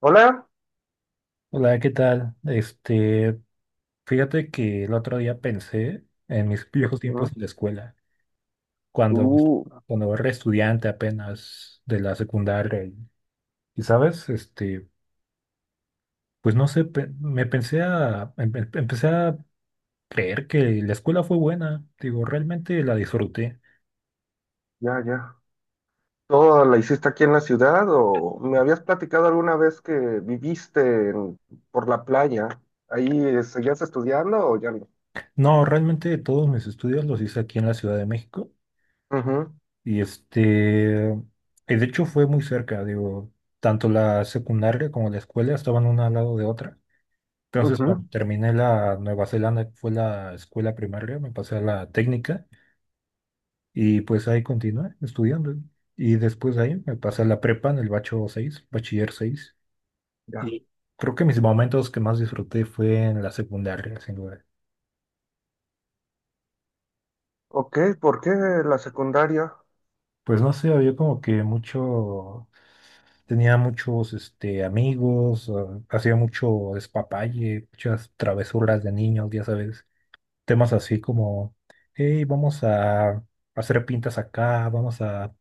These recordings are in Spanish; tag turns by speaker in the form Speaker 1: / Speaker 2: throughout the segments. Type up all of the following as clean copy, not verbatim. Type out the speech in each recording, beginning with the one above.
Speaker 1: Hola.
Speaker 2: Hola, ¿qué tal? Fíjate que el otro día pensé en mis viejos
Speaker 1: Mm,
Speaker 2: tiempos en la escuela, cuando,
Speaker 1: Uh,
Speaker 2: cuando era estudiante apenas de la secundaria. Y, sabes, pues no sé, me pensé a, empecé a creer que la escuela fue buena. Digo, realmente la disfruté.
Speaker 1: ya. ¿Todo la hiciste aquí en la ciudad o me habías platicado alguna vez que viviste por la playa? ¿Ahí seguías estudiando o ya no?
Speaker 2: No, realmente todos mis estudios los hice aquí en la Ciudad de México. Y este, y de hecho fue muy cerca, digo, tanto la secundaria como la escuela estaban una al lado de otra.
Speaker 1: Ujú,
Speaker 2: Entonces,
Speaker 1: ujú,
Speaker 2: bueno, terminé la Nueva Zelanda, que fue la escuela primaria, me pasé a la técnica y pues ahí continué estudiando. Y después de ahí me pasé a la prepa en el bacho 6, bachiller seis.
Speaker 1: ya.
Speaker 2: Y creo que mis momentos que más disfruté fue en la secundaria, sin duda.
Speaker 1: Ok, ¿por qué la secundaria?
Speaker 2: Pues no sé, había como que mucho, tenía muchos amigos, hacía mucho despapalle, muchas travesuras de niños, ya sabes. Temas así como, hey, vamos a hacer pintas acá, vamos a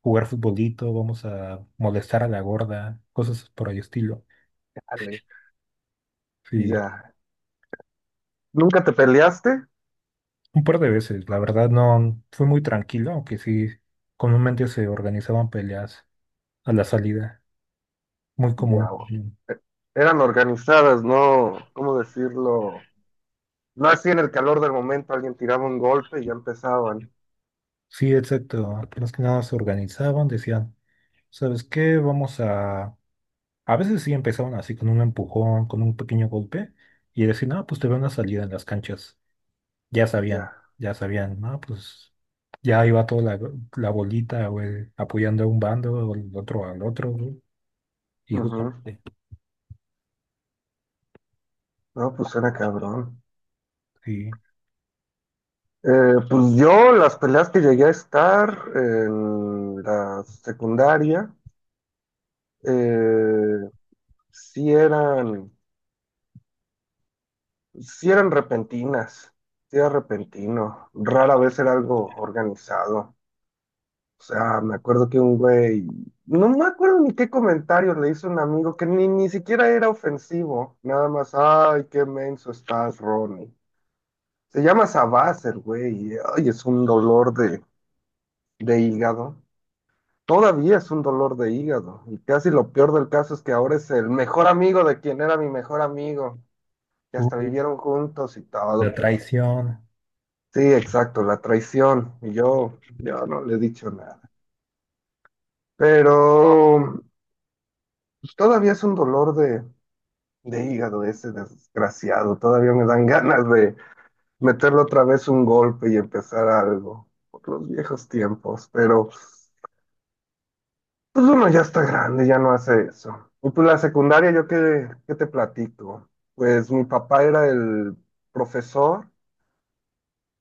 Speaker 2: jugar futbolito, vamos a molestar a la gorda, cosas por el estilo.
Speaker 1: Ale.
Speaker 2: Sí,
Speaker 1: Ya. ¿Nunca te peleaste?
Speaker 2: un par de veces, la verdad no fue muy tranquilo, aunque sí, comúnmente se organizaban peleas a la salida, muy
Speaker 1: Ya.
Speaker 2: común. Ujú.
Speaker 1: E- Eran organizadas, ¿no? ¿Cómo decirlo? No así en el calor del momento alguien tiraba un golpe y ya empezaban.
Speaker 2: Sí, exacto, más que nada se organizaban, decían, ¿sabes qué? Vamos a... A veces sí empezaban así con un empujón, con un pequeño golpe, y decían, ah, pues te van a salir en las canchas. Ya sabían,
Speaker 1: Ya.
Speaker 2: ya sabían, ¿no? Pues ya iba toda la bolita, güey, apoyando a un bando, o el otro al otro, güey, y
Speaker 1: Ujú.
Speaker 2: justamente,
Speaker 1: No, pues era cabrón.
Speaker 2: sí,
Speaker 1: Pues yo las peleas que llegué a estar en la secundaria eh, sí eran, sí eran repentinas, sí era repentino, rara vez era algo organizado. O sea, me acuerdo que un güey, no me acuerdo ni qué comentario le hizo un amigo que ni siquiera era ofensivo, nada más, ay, qué menso estás, Ronnie. Se llama Sabás el güey, y, ay, es un dolor de hígado. Todavía es un dolor de hígado. Y casi lo peor del caso es que ahora es el mejor amigo de quien era mi mejor amigo. Y
Speaker 2: uh,
Speaker 1: hasta vivieron juntos y todo,
Speaker 2: la
Speaker 1: pero
Speaker 2: traición,
Speaker 1: sí, exacto, la traición. Y yo no le he dicho nada. Pero pues, todavía es un dolor de hígado ese desgraciado. Todavía me dan ganas de meterle otra vez un golpe y empezar algo. Por los viejos tiempos, pero... Pues uno ya está grande, ya no hace eso. Y pues la secundaria, yo qué te platico. Pues mi papá era el profesor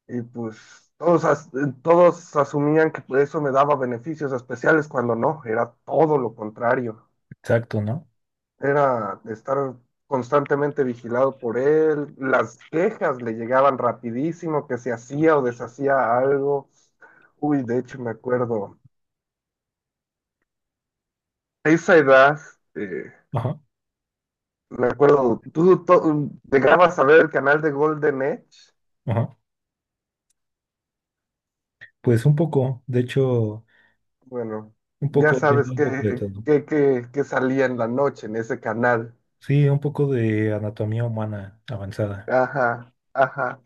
Speaker 1: y pues todos asumían que eso me daba beneficios especiales cuando no, era todo lo contrario.
Speaker 2: exacto, ¿no?
Speaker 1: Era estar constantemente vigilado por él, las quejas le llegaban rapidísimo, que se hacía o deshacía algo. Uy, de hecho me acuerdo, a esa edad... eh,
Speaker 2: Ajá,
Speaker 1: Me acuerdo, llegabas a ver el canal de Golden Edge.
Speaker 2: ajá. Pues un poco, de hecho,
Speaker 1: Bueno,
Speaker 2: un
Speaker 1: ya
Speaker 2: poco, tiene
Speaker 1: sabes
Speaker 2: un poco de todo.
Speaker 1: que salía en la noche en ese canal.
Speaker 2: Sí, un poco de anatomía humana avanzada.
Speaker 1: Ajá, ajá.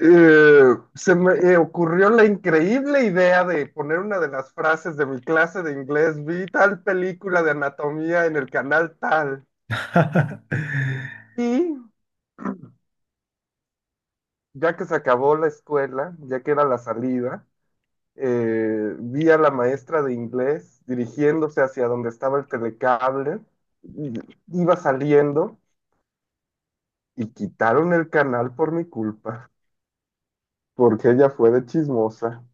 Speaker 1: Se me ocurrió la increíble idea de poner una de las frases de mi clase de inglés. Vi tal película de anatomía en el canal tal. Y ya que se acabó la escuela, ya que era la salida. Vi a la maestra de inglés dirigiéndose hacia donde estaba el telecable, y iba saliendo y quitaron el canal por mi culpa, porque ella fue de chismosa.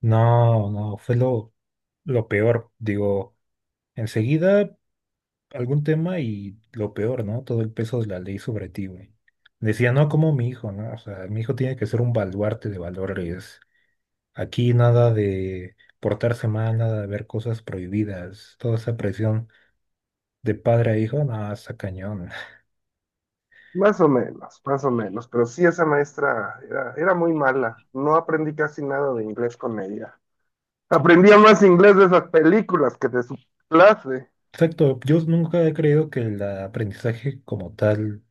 Speaker 2: No, no, fue lo peor. Digo, enseguida algún tema y lo peor, ¿no? Todo el peso de la ley sobre ti, güey. Decía, no como mi hijo, ¿no? O sea, mi hijo tiene que ser un baluarte de valores. Aquí nada de portarse mal, nada de ver cosas prohibidas. Toda esa presión de padre a hijo, no, está cañón.
Speaker 1: Más o menos, pero sí esa maestra era muy mala. No aprendí casi nada de inglés con ella. Aprendía más inglés de esas películas que de su clase.
Speaker 2: Exacto, yo nunca he creído que el aprendizaje como tal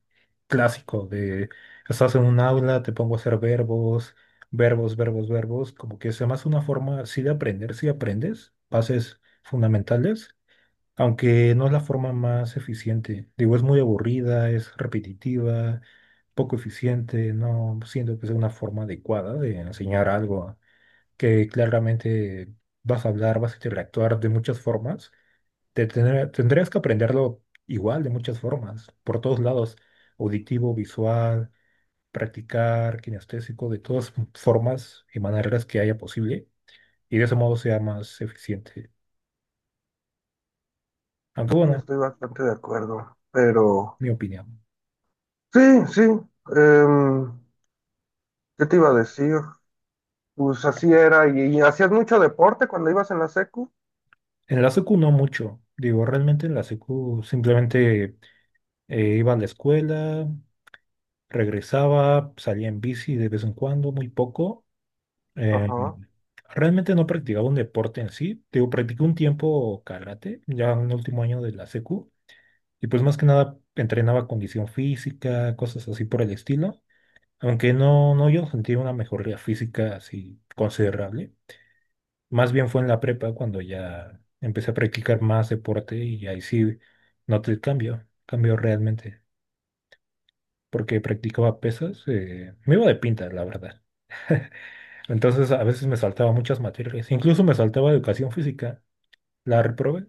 Speaker 2: clásico de estás en un aula, te pongo a hacer verbos, verbos, verbos, verbos, como que sea más una forma así de aprender, si aprendes, bases fundamentales aunque no es la forma más eficiente. Digo, es muy aburrida, es repetitiva, poco eficiente, no siento que sea una forma adecuada de enseñar algo que claramente vas a hablar, vas a interactuar de muchas formas. Tendrías que aprenderlo igual de muchas formas, por todos lados, auditivo, visual, practicar, kinestésico, de todas formas y maneras que haya posible, y de ese modo sea más eficiente. Aunque
Speaker 1: Sí,
Speaker 2: bueno,
Speaker 1: estoy bastante de acuerdo, pero
Speaker 2: mi opinión.
Speaker 1: sí, sí. em, ¿Qué te iba a decir? Pues así era, y hacías mucho deporte cuando ibas en la secu.
Speaker 2: En la secu no mucho. Digo, realmente en la secu simplemente iba a la escuela, regresaba, salía en bici de vez en cuando, muy poco. Eh,
Speaker 1: Ajá,
Speaker 2: realmente no practicaba un deporte en sí. Digo, practiqué un tiempo karate, ya en el último año de la secu. Y pues más que nada entrenaba condición física, cosas así por el estilo. Aunque no, no yo sentía una mejoría física así considerable. Más bien fue en la prepa cuando ya empecé a practicar más deporte y ahí sí noté el cambio, cambio realmente, porque practicaba pesas, me iba de pinta, la verdad. Entonces a veces me saltaba muchas materias, incluso me saltaba educación física, la reprobé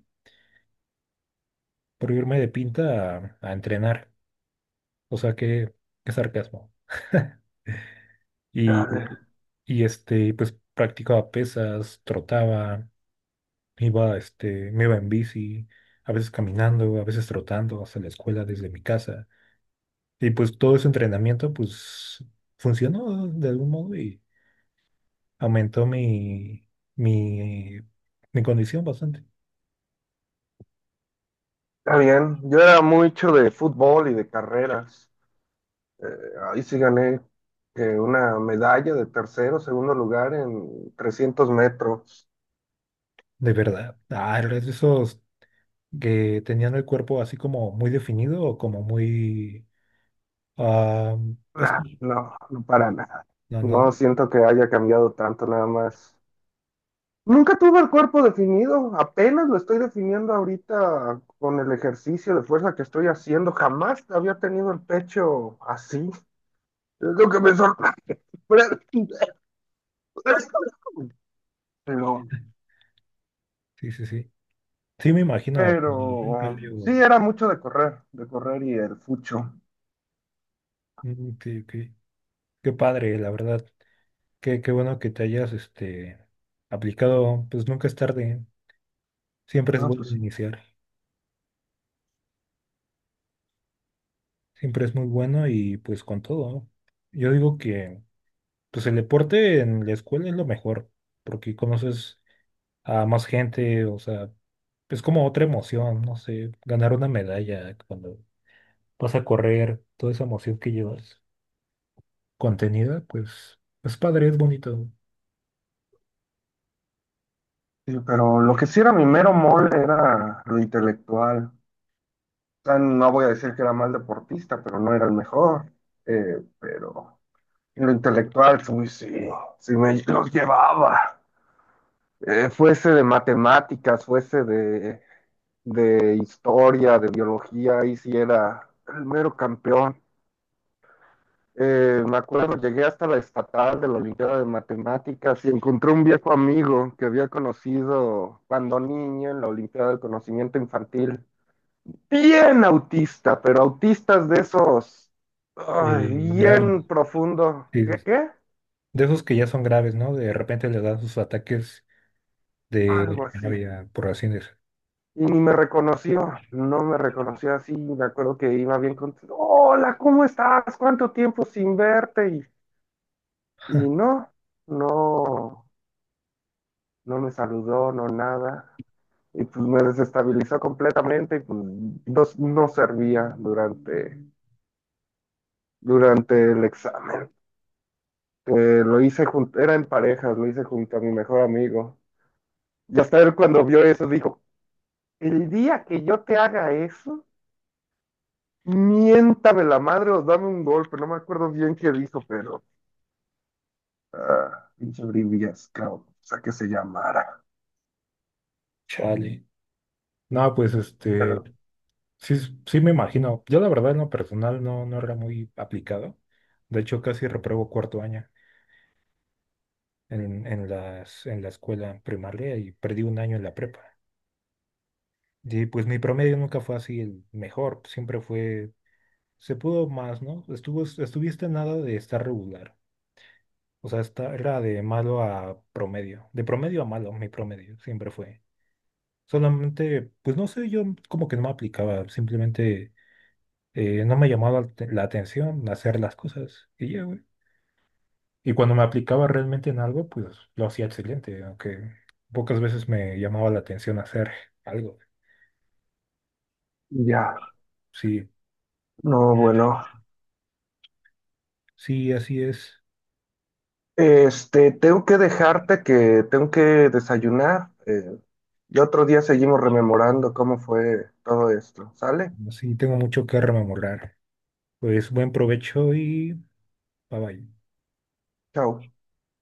Speaker 2: por irme de pinta a entrenar, o sea, qué, qué sarcasmo. Y,
Speaker 1: dale,
Speaker 2: y pues practicaba pesas, trotaba, iba, me iba en bici, a veces caminando, a veces trotando hasta la escuela desde mi casa. Y pues todo ese entrenamiento, pues, funcionó de algún modo y aumentó mi, mi condición bastante.
Speaker 1: está bien. Yo era mucho de fútbol y de carreras. Eh, Ahí sí gané una medalla de tercero, segundo lugar en 300 metros.
Speaker 2: ¿De verdad? Ah, eres de esos que tenían el cuerpo así como muy definido o como muy... ah, es-
Speaker 1: Nah, no, no para nada.
Speaker 2: no, no.
Speaker 1: No siento que haya cambiado tanto nada más. Nunca tuve el cuerpo definido, apenas lo estoy definiendo ahorita con el ejercicio de fuerza que estoy haciendo. Jamás había tenido el pecho así. Es lo que me sorprende. Pero,
Speaker 2: Sí, sí, sí. Sí, me imagino. Un
Speaker 1: pero sí,
Speaker 2: cambio.
Speaker 1: era mucho de correr y el fucho.
Speaker 2: Mm, sí, qué padre, la verdad. Qué bueno que te hayas aplicado, pues nunca es tarde, siempre es
Speaker 1: No,
Speaker 2: bueno
Speaker 1: pues sí.
Speaker 2: iniciar, siempre es muy bueno y pues con todo, ¿no? Yo digo que pues el deporte en la escuela es lo mejor, porque conoces a más gente, o sea, es como otra emoción, no sé, ganar una medalla cuando vas a correr, toda esa emoción que llevas contenida, pues es padre, es bonito,
Speaker 1: Sí, pero lo que sí era mi mero mole era lo intelectual. O sea, no voy a decir que era mal deportista, pero no era el mejor. Pero en lo intelectual, sí, sí, sí me los llevaba. Fuese de matemáticas, fuese de historia, de biología, ahí sí era el mero campeón. Me acuerdo, llegué hasta la estatal de la Olimpiada de Matemáticas y encontré un viejo amigo que había conocido cuando niño en la Olimpiada del Conocimiento Infantil. Bien autista, pero autistas de esos ay,
Speaker 2: grave,
Speaker 1: bien profundo.
Speaker 2: sí, sí,
Speaker 1: ¿Qué,
Speaker 2: sí.
Speaker 1: qué?
Speaker 2: De esos que ya son graves, ¿no? De repente les dan sus ataques
Speaker 1: Algo
Speaker 2: de
Speaker 1: así.
Speaker 2: Navidad, por así decirlo.
Speaker 1: Y ni me reconoció, no me reconoció así. Me acuerdo que iba bien contento. Hola, ¿cómo estás? ¿Cuánto tiempo sin verte? Y no, no me saludó, no nada. Y pues me desestabilizó completamente y pues no, no servía durante el examen. Lo hice junto, era en parejas, lo hice junto a mi mejor amigo. Y hasta él cuando vio eso dijo, el día que yo te haga eso, miéntame la madre o dame un golpe. No me acuerdo bien qué dijo, pero... ah, pinche brillas, cabrón. O sea, que se llamara.
Speaker 2: Chale. No, pues este,
Speaker 1: Pero
Speaker 2: sí, sí me imagino. Yo la verdad en lo personal no, no era muy aplicado. De hecho, casi repruebo cuarto año en la escuela primaria y perdí un año en la prepa. Y pues mi promedio nunca fue así el mejor, siempre fue, se pudo más, ¿no? Estuvo, estuviste a nada de estar regular. O sea, era de malo a promedio, de promedio a malo, mi promedio siempre fue. Solamente, pues no sé, yo como que no me aplicaba, simplemente no me llamaba la atención hacer las cosas y ya, güey. Y cuando me aplicaba realmente en algo, pues lo hacía excelente, aunque pocas veces me llamaba la atención hacer algo.
Speaker 1: ya.
Speaker 2: Sí,
Speaker 1: No, bueno.
Speaker 2: sí, así es.
Speaker 1: Este, tengo que dejarte que tengo que desayunar. Y otro día seguimos rememorando cómo fue todo esto. ¿Sale?
Speaker 2: Así tengo mucho que rememorar. Pues buen provecho y bye bye.
Speaker 1: Chao.